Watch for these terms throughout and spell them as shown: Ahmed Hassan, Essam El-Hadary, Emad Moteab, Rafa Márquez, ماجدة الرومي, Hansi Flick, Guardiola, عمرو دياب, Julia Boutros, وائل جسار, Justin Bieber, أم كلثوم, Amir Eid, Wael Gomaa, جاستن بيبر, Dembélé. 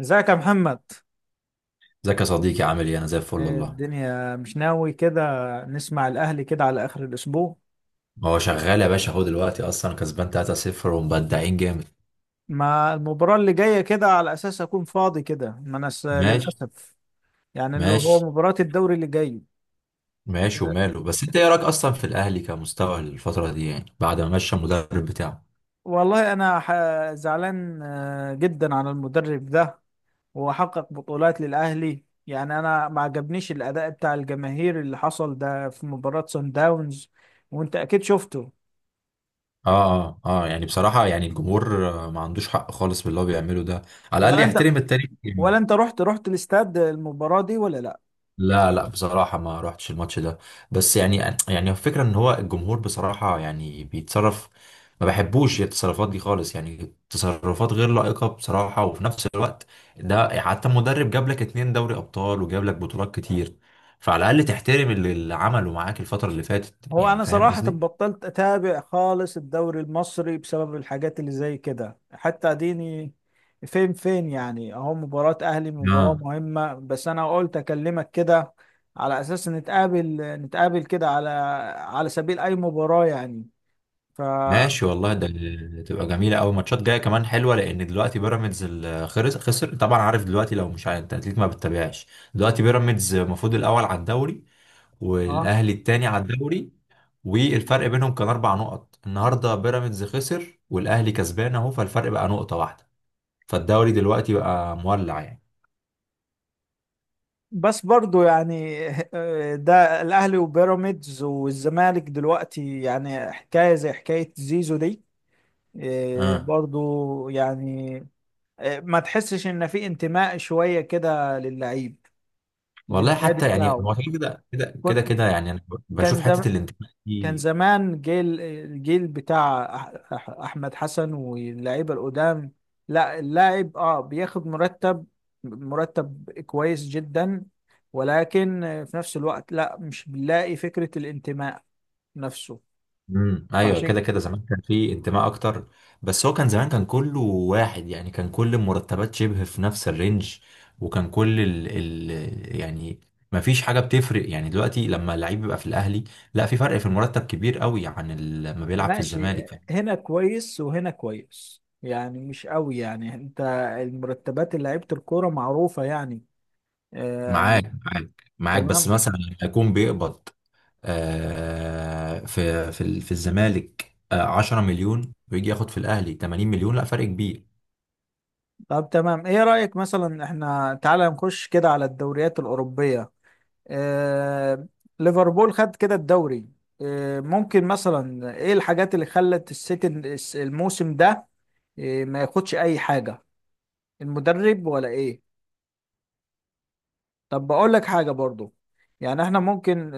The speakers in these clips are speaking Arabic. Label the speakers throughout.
Speaker 1: ازيك يا محمد؟
Speaker 2: ازيك يا صديقي؟ عامل ايه؟ انا زي الفل
Speaker 1: إيه
Speaker 2: والله.
Speaker 1: الدنيا، مش ناوي كده نسمع الاهلي كده على اخر الاسبوع؟
Speaker 2: هو شغال يا باشا، اهو دلوقتي اصلا كسبان 3-0 ومبدعين جامد.
Speaker 1: ما المباراة اللي جاية كده على اساس اكون فاضي كده، ما انا س-
Speaker 2: ماشي.
Speaker 1: للاسف، يعني اللي هو
Speaker 2: ماشي.
Speaker 1: مباراة الدوري اللي جاي.
Speaker 2: ماشي وماله، بس انت ايه رايك اصلا في الاهلي كمستوى الفتره دي، يعني بعد ما مشى المدرب بتاعه؟
Speaker 1: والله انا زعلان جدا على المدرب ده. هو حقق بطولات للاهلي، يعني انا ما عجبنيش الاداء بتاع الجماهير اللي حصل ده في مباراة سان داونز، وانت اكيد شفته.
Speaker 2: اه، اه، اه، يعني بصراحه يعني الجمهور ما عندوش حق خالص باللي هو بيعمله ده، على الاقل
Speaker 1: ولا انت
Speaker 2: يحترم التاريخ
Speaker 1: ولا
Speaker 2: يعني.
Speaker 1: انت رحت الاستاد المباراة دي ولا لا؟
Speaker 2: لا، لا، بصراحة ما روحتش الماتش ده. بس يعني، الفكرة ان هو الجمهور بصراحة يعني بيتصرف، ما بحبوش التصرفات دي خالص، يعني تصرفات غير لائقة بصراحة، وفي نفس الوقت ده حتى مدرب جاب لك اتنين دوري ابطال وجاب لك بطولات كتير، فعلى الاقل تحترم اللي عمله معاك الفترة اللي فاتت،
Speaker 1: هو
Speaker 2: يعني
Speaker 1: انا
Speaker 2: فاهم
Speaker 1: صراحة
Speaker 2: قصدي؟
Speaker 1: بطلت اتابع خالص الدوري المصري بسبب الحاجات اللي زي كده، حتى اديني فين، يعني اهو مباراة اهلي مباراة
Speaker 2: اه
Speaker 1: مهمة، بس انا قلت اكلمك كده على اساس نتقابل كده على سبيل اي مباراة يعني. ف
Speaker 2: ماشي والله، تبقى جميله قوي، ماتشات جايه كمان حلوه، لان دلوقتي بيراميدز خسر، طبعا عارف دلوقتي، لو مش عارف انت اكيد ما بتتابعش. دلوقتي بيراميدز المفروض الاول على الدوري،
Speaker 1: اه،
Speaker 2: والاهلي التاني على الدوري، والفرق بينهم كان اربع نقط، النهارده بيراميدز خسر والاهلي كسبان اهو، فالفرق بقى نقطه واحده، فالدوري دلوقتي بقى مولع يعني.
Speaker 1: بس برضو يعني ده الاهلي وبيراميدز والزمالك دلوقتي يعني حكاية زي حكاية زيزو دي. إيه،
Speaker 2: اه
Speaker 1: برضو يعني ما تحسش ان في انتماء شويه كده للعيب
Speaker 2: والله،
Speaker 1: للنادي
Speaker 2: حتى يعني
Speaker 1: بتاعه.
Speaker 2: هو كده كده كده كده
Speaker 1: كنت
Speaker 2: كده يعني انا
Speaker 1: كان
Speaker 2: بشوف
Speaker 1: زم...
Speaker 2: حته الانتماء
Speaker 1: كان
Speaker 2: دي.
Speaker 1: زمان الجيل بتاع احمد حسن واللعيبه القدام. لا، اللاعب بياخد مرتب كويس جدا، ولكن في نفس الوقت لا، مش بنلاقي فكره الانتماء نفسه.
Speaker 2: ايوه
Speaker 1: فعشان
Speaker 2: كده كده، زمان كان في انتماء اكتر، بس هو كان زمان كان كله واحد، يعني كان كل المرتبات شبه في نفس الرينج، وكان كل ال يعني ما فيش حاجه بتفرق، يعني دلوقتي لما اللعيب بيبقى في الاهلي، لا في فرق في المرتب كبير قوي عن لما بيلعب في
Speaker 1: ماشي،
Speaker 2: الزمالك.
Speaker 1: هنا كويس وهنا كويس يعني، مش قوي يعني انت، المرتبات اللي لعيبة الكورة معروفة يعني. آه،
Speaker 2: معاك، معاك، معاك، بس
Speaker 1: تمام.
Speaker 2: مثلا لما يكون بيقبض في الزمالك 10 مليون ويجي ياخد في الاهلي 80 مليون، لا فرق كبير.
Speaker 1: طب تمام، ايه رأيك مثلا احنا تعالى نخش كده على الدوريات الأوروبية. آه، ليفربول خد كده الدوري. آه، ممكن مثلا ايه الحاجات اللي خلت السيتي الموسم ده آه ما ياخدش اي حاجة، المدرب ولا ايه؟ طب بقول لك حاجة برضو، يعني احنا ممكن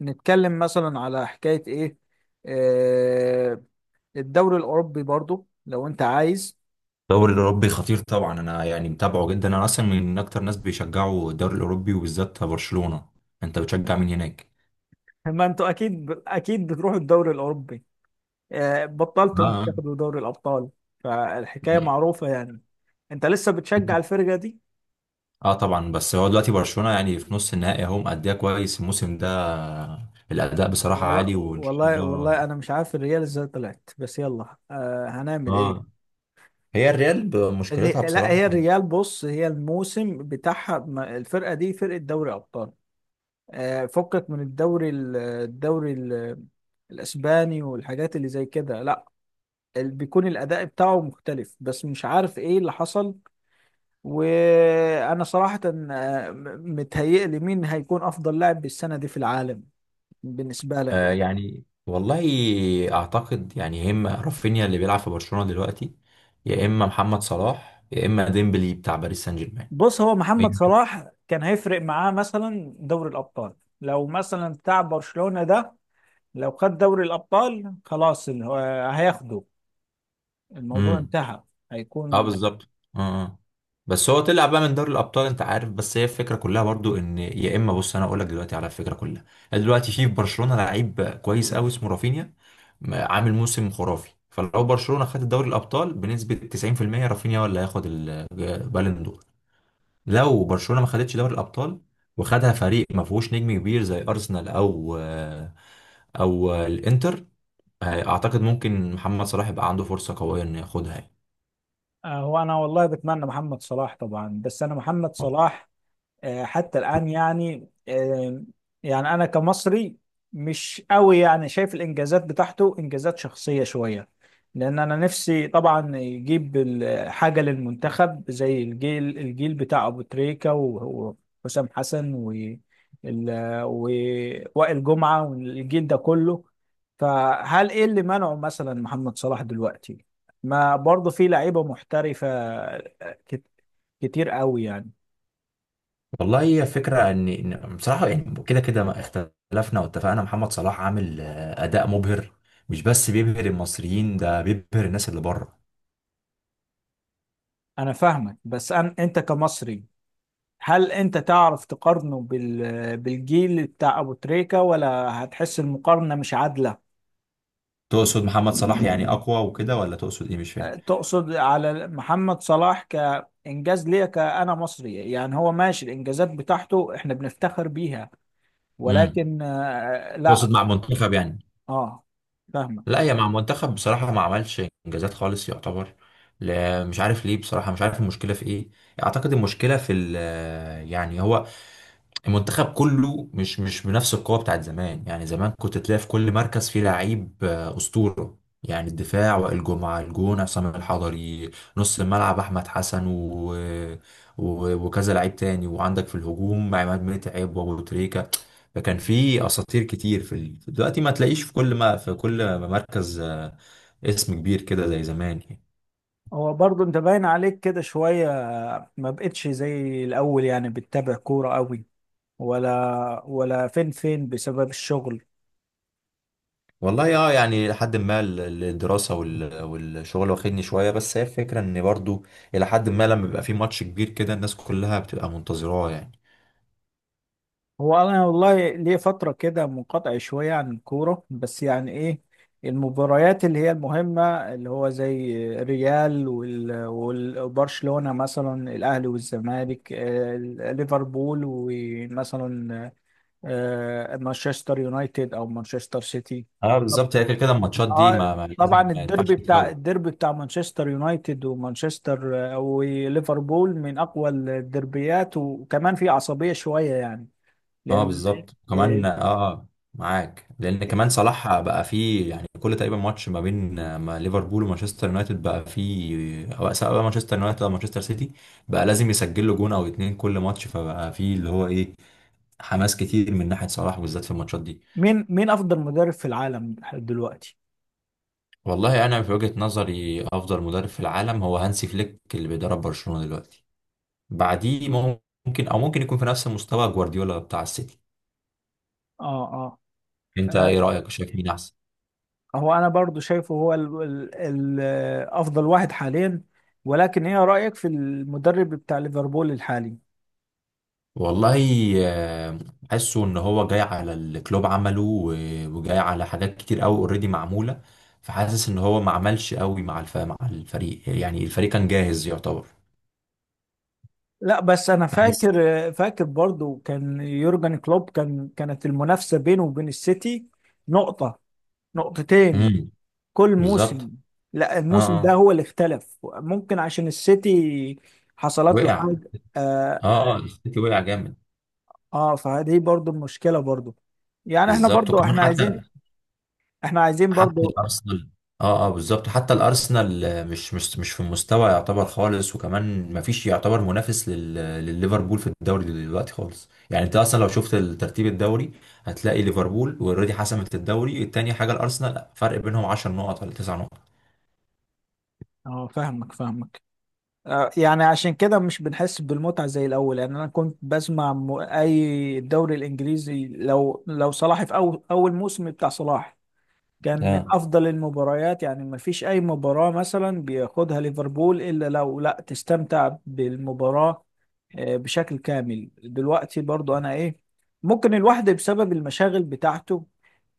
Speaker 1: نتكلم مثلا على حكاية ايه، آه، الدوري الأوروبي برضو لو انت عايز.
Speaker 2: الدوري الأوروبي خطير طبعا، أنا يعني متابعه جدا، أنا أصلا من أكتر ناس بيشجعوا الدوري الأوروبي وبالذات برشلونة. أنت بتشجع مين هناك؟
Speaker 1: ما انتوا اكيد اكيد بتروحوا الدوري الأوروبي، آه، بطلتوا انت
Speaker 2: اه،
Speaker 1: تاخدوا دوري الأبطال، فالحكاية معروفة يعني. انت لسه بتشجع الفرقة دي؟
Speaker 2: أه طبعا، بس هو دلوقتي برشلونة يعني في نص النهائي أهو، مأديها كويس الموسم ده، الأداء بصراحة
Speaker 1: والله
Speaker 2: عالي، وإن شاء
Speaker 1: والله
Speaker 2: الله.
Speaker 1: والله انا مش عارف الريال ازاي طلعت، بس يلا، آه، هنعمل ايه.
Speaker 2: اه، هي الريال مشكلتها
Speaker 1: لا، هي
Speaker 2: بصراحة.
Speaker 1: الريال، بص، هي الموسم بتاعها الفرقة دي فرقة دوري أبطال. فكك من الدوري الاسباني والحاجات اللي زي كده. لا، بيكون الاداء بتاعه مختلف، بس مش عارف ايه اللي حصل. وانا صراحة، متهيئلي مين هيكون افضل لاعب بالسنة دي في العالم بالنسبة لك؟
Speaker 2: يعني والله، أعتقد يعني يا إما رافينيا اللي بيلعب في برشلونة دلوقتي، يا إما محمد صلاح، يا إما ديمبلي بتاع باريس سان
Speaker 1: بص، هو محمد صلاح كان هيفرق معاه مثلا دوري الابطال، لو مثلا بتاع برشلونة ده لو خد دوري الابطال خلاص، هو هياخده، الموضوع
Speaker 2: جيرمان.
Speaker 1: انتهى،
Speaker 2: اه
Speaker 1: هيكون.
Speaker 2: بالظبط. اه، آه. بس هو طلع بقى من دوري الابطال انت عارف، بس هي الفكره كلها برضو، ان يا اما بص انا اقول لك دلوقتي على الفكره كلها، يعني دلوقتي في برشلونه لعيب كويس قوي اسمه رافينيا، عامل موسم خرافي، فلو برشلونه خد دوري الابطال بنسبه 90% رافينيا هو اللي هياخد البالون دور، لو برشلونه ما خدتش دوري الابطال وخدها فريق ما فيهوش نجم كبير زي ارسنال او الانتر، اعتقد ممكن محمد صلاح يبقى عنده فرصه قويه انه ياخدها يعني.
Speaker 1: هو انا والله بتمنى محمد صلاح طبعا، بس انا محمد صلاح حتى الآن يعني، يعني أنا كمصري مش قوي يعني شايف الإنجازات بتاعته إنجازات شخصية شوية، لأن أنا نفسي طبعا يجيب حاجة للمنتخب زي الجيل بتاع أبو تريكة، وحسام حسن ال- ووائل جمعة والجيل ده كله. فهل إيه اللي منعه مثلا محمد صلاح دلوقتي؟ ما برضه في لعيبة محترفة كت- كتير قوي يعني.
Speaker 2: والله هي فكرة ان بصراحة، يعني كده كده ما اختلفنا واتفقنا، محمد صلاح عامل اداء مبهر، مش بس بيبهر المصريين، ده بيبهر الناس اللي بره.
Speaker 1: انا فاهمك، بس انت كمصري هل انت تعرف تقارنه بالجيل بتاع ابو تريكة، ولا هتحس المقارنة مش عادلة؟
Speaker 2: تقصد محمد صلاح يعني اقوى وكده، ولا تقصد ايه؟ مش
Speaker 1: أه،
Speaker 2: فاهم.
Speaker 1: تقصد على محمد صلاح كإنجاز ليا كأنا مصري؟ يعني هو ماشي الإنجازات بتاعته احنا بنفتخر بيها،
Speaker 2: امم
Speaker 1: ولكن
Speaker 2: تقصد
Speaker 1: لا.
Speaker 2: مع منتخب يعني؟
Speaker 1: اه، فاهمك.
Speaker 2: لا هي مع منتخب بصراحة ما عملش انجازات خالص يعتبر، لا مش عارف ليه بصراحة، مش عارف المشكلة في ايه، اعتقد المشكلة في يعني هو المنتخب كله مش بنفس القوة بتاعت زمان، يعني زمان كنت تلاقي في كل مركز فيه لعيب أسطورة، يعني الدفاع وائل جمعة، الجون عصام الحضري، نص الملعب أحمد حسن وكذا لعيب تاني، وعندك في الهجوم عماد متعب وأبو تريكة، فكان في أساطير كتير دلوقتي ما تلاقيش في كل، ما في كل مركز اسم كبير كده زي زمان يعني.
Speaker 1: هو برضه انت باين عليك كده شوية ما بقتش زي الأول يعني بتتابع كورة قوي؟ ولا فين بسبب الشغل؟
Speaker 2: والله اه يعني، لحد ما الدراسة والشغل واخدني شوية، بس هي الفكرة ان برضو الى حد ما، لما بيبقى في ماتش كبير كده الناس كلها بتبقى منتظراه يعني.
Speaker 1: هو انا والله ليه فتره كده منقطع شويه عن الكوره، بس يعني ايه، المباريات اللي هي المهمه، اللي هو زي ريال والبرشلونه، مثلا الاهلي والزمالك ليفربول ومثلا مانشستر يونايتد او مانشستر سيتي.
Speaker 2: اه
Speaker 1: طب-
Speaker 2: بالظبط، هي كده كده الماتشات دي ما لازم
Speaker 1: طبعا
Speaker 2: ما ينفعش
Speaker 1: الديربي بتاع
Speaker 2: تتفوت.
Speaker 1: الديربي بتاع مانشستر يونايتد ومانشستر وليفربول من اقوى الديربيات، وكمان في عصبيه شويه يعني
Speaker 2: اه
Speaker 1: لان
Speaker 2: بالظبط
Speaker 1: آه،
Speaker 2: كمان، اه معاك، لان كمان صلاح بقى فيه، يعني كل تقريبا ماتش ما بين آه، ما ليفربول ومانشستر يونايتد بقى فيه، او سواء بقى مانشستر يونايتد او مانشستر سيتي، بقى لازم يسجل له جون او اتنين كل ماتش، فبقى فيه اللي هو ايه، حماس كتير من ناحية صلاح بالذات في الماتشات دي.
Speaker 1: مين افضل مدرب في العالم دلوقتي؟
Speaker 2: والله انا في وجهة نظري افضل مدرب في العالم هو هانسي فليك اللي بيدرب برشلونة دلوقتي، بعديه ممكن، او ممكن يكون في نفس مستوى جوارديولا بتاع السيتي.
Speaker 1: اه اه
Speaker 2: انت ايه
Speaker 1: آه،
Speaker 2: رأيك، شايف مين احسن؟
Speaker 1: هو انا برضو شايفه هو ال افضل واحد حاليا، ولكن ايه رايك في المدرب بتاع ليفربول الحالي؟
Speaker 2: والله آه، حاسه ان هو جاي على الكلوب عمله وجاي على حاجات كتير قوي اوريدي معمولة، فحاسس ان هو ما عملش قوي مع مع الفريق، يعني الفريق كان جاهز يعتبر،
Speaker 1: لا، بس انا
Speaker 2: بحس.
Speaker 1: فاكر برضو كان يورجن كلوب، كانت المنافسه بينه وبين السيتي نقطه، نقطتين
Speaker 2: امم
Speaker 1: كل موسم.
Speaker 2: بالظبط.
Speaker 1: لا،
Speaker 2: اه،
Speaker 1: الموسم ده
Speaker 2: آه.
Speaker 1: هو اللي اختلف، ممكن عشان السيتي حصلت له
Speaker 2: وقع.
Speaker 1: حاجه. آه،
Speaker 2: اه، اه، السيتي وقع جامد.
Speaker 1: اه، فدي برضو المشكلة برضو، يعني احنا
Speaker 2: بالظبط،
Speaker 1: برضو
Speaker 2: وكمان
Speaker 1: احنا
Speaker 2: حتى
Speaker 1: عايزين احنا عايزين
Speaker 2: حتى
Speaker 1: برضو.
Speaker 2: الارسنال. اه، اه بالظبط، حتى الارسنال مش في المستوى يعتبر خالص، وكمان ما فيش يعتبر منافس لليفربول في الدوري دلوقتي خالص، يعني انت اصلا لو شفت ترتيب الدوري هتلاقي ليفربول اوريدي حسمت الدوري، التاني حاجه الارسنال فرق بينهم 10 نقط ولا 9 نقط.
Speaker 1: اه، فاهمك. آه، يعني عشان كده مش بنحس بالمتعة زي الأول، يعني أنا كنت بسمع أي الدوري الإنجليزي، لو صلاح في أول موسم بتاع صلاح كان من
Speaker 2: اه
Speaker 1: أفضل المباريات، يعني ما فيش أي مباراة مثلا بياخدها ليفربول إلا لو لا تستمتع بالمباراة بشكل كامل. دلوقتي برضو أنا إيه، ممكن الواحد بسبب المشاغل بتاعته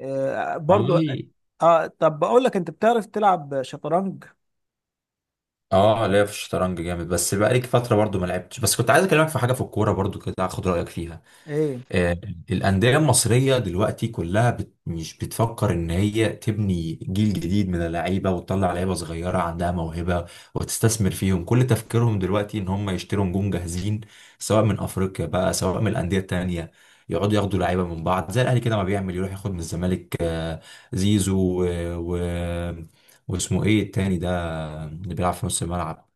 Speaker 1: برضو.
Speaker 2: والله
Speaker 1: اه، طب بقول لك، انت بتعرف تلعب شطرنج؟
Speaker 2: اه، لا في الشطرنج جامد، بس بقالي فتره برضو ما لعبتش، بس كنت عايز اكلمك في حاجه في الكوره برضو كده، اخد رايك فيها.
Speaker 1: ايه
Speaker 2: آه، الأندية المصرية دلوقتي كلها مش بتفكر إن هي تبني جيل جديد من اللعيبة وتطلع لعيبة صغيرة عندها موهبة وتستثمر فيهم، كل تفكيرهم دلوقتي إن هم يشتروا نجوم جاهزين، سواء من أفريقيا بقى، سواء من الأندية التانية، يقعدوا ياخدوا لعيبة من بعض، زي الأهلي كده ما بيعمل، يروح ياخد من الزمالك زيزو و... و... واسمه إيه التاني ده، اللي بيلعب في نص الملعب،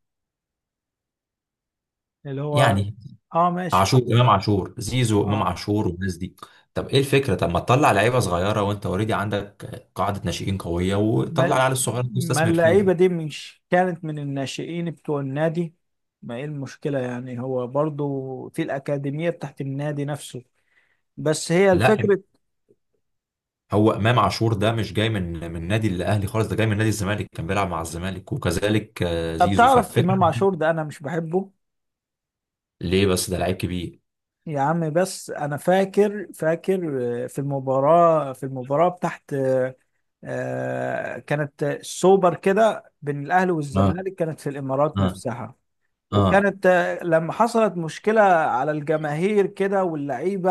Speaker 1: اللي هو؟
Speaker 2: يعني
Speaker 1: اه، ماشي.
Speaker 2: عاشور، امام عاشور، زيزو، امام
Speaker 1: اه،
Speaker 2: عاشور والناس دي. طب ايه الفكره؟ طب ما تطلع لعيبه صغيره، وانت اوريدي عندك قاعده ناشئين قويه، وطلع
Speaker 1: ما,
Speaker 2: العيال الصغيره دي
Speaker 1: ما
Speaker 2: واستثمر
Speaker 1: اللعيبه
Speaker 2: فيها.
Speaker 1: دي مش كانت من الناشئين بتوع النادي؟ ما ايه المشكله، يعني هو برضو في الاكاديميه بتاعت النادي نفسه، بس هي
Speaker 2: لا
Speaker 1: الفكره.
Speaker 2: هو امام عاشور ده مش جاي من نادي الاهلي خالص، ده جاي من نادي الزمالك، كان بيلعب مع الزمالك، وكذلك
Speaker 1: طب
Speaker 2: زيزو،
Speaker 1: تعرف
Speaker 2: فالفكره.
Speaker 1: امام عاشور ده انا مش بحبه.
Speaker 2: ليه بس؟ ده لعيب كبير.
Speaker 1: يا عم، بس انا فاكر في المباراه بتاعت كانت السوبر كده بين الاهلي
Speaker 2: اه،
Speaker 1: والزمالك، كانت في الامارات
Speaker 2: اه،
Speaker 1: نفسها،
Speaker 2: اه،
Speaker 1: وكانت لما حصلت مشكله على الجماهير كده واللعيبه،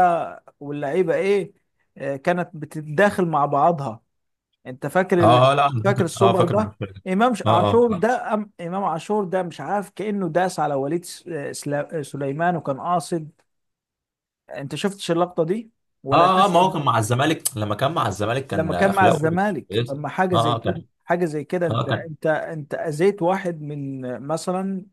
Speaker 1: واللعيبه ايه كانت بتتداخل مع بعضها. انت فاكر
Speaker 2: اه، لا انا
Speaker 1: فاكر
Speaker 2: فاكر، اه
Speaker 1: السوبر
Speaker 2: فاكر
Speaker 1: ده؟
Speaker 2: الفرقة. اه، اه،
Speaker 1: عاشور
Speaker 2: اه،
Speaker 1: ده امام عاشور ده مش عارف كانه داس على وليد سليمان وكان قاصد. انت شفتش اللقطه دي ولا
Speaker 2: اه،
Speaker 1: الناس؟
Speaker 2: ما هو كان مع الزمالك، لما كان مع الزمالك كان
Speaker 1: لما كان مع
Speaker 2: اخلاقه
Speaker 1: الزمالك، طب
Speaker 2: كويسه.
Speaker 1: ما حاجه زي
Speaker 2: اه، اه
Speaker 1: كده،
Speaker 2: كان، اه
Speaker 1: انت
Speaker 2: كان.
Speaker 1: اذيت واحد من مثلا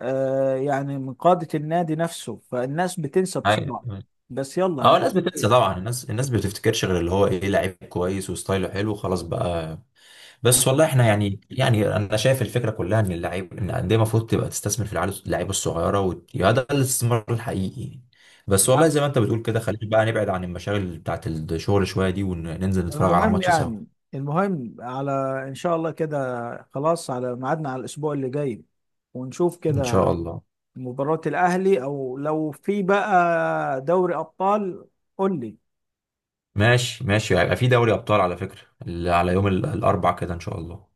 Speaker 1: يعني من قاده النادي نفسه، فالناس بتنسى
Speaker 2: أيوة.
Speaker 1: بسرعه. بس يلا
Speaker 2: اه الناس بتنسى طبعا، الناس بتفتكرش غير اللي هو ايه لعيب كويس وستايله حلو، خلاص بقى. بس والله
Speaker 1: آه.
Speaker 2: احنا يعني، انا شايف الفكره كلها ان اللعيب، ان الانديه المفروض تبقى تستثمر في اللعيبه الصغيره، وده الاستثمار الحقيقي. بس والله
Speaker 1: نعم.
Speaker 2: زي ما انت بتقول كده، خلينا بقى نبعد عن المشاغل بتاعت الشغل شويه دي، وننزل نتفرج على
Speaker 1: المهم
Speaker 2: ماتش سوا.
Speaker 1: يعني المهم على ان شاء الله كده، خلاص على ميعادنا على الاسبوع اللي جاي، ونشوف
Speaker 2: ان
Speaker 1: كده
Speaker 2: شاء الله.
Speaker 1: مباراة الاهلي، او لو في بقى دوري ابطال، قول لي.
Speaker 2: ماشي، ماشي هيبقى في دوري ابطال على فكره، اللي على يوم الاربع كده ان شاء الله.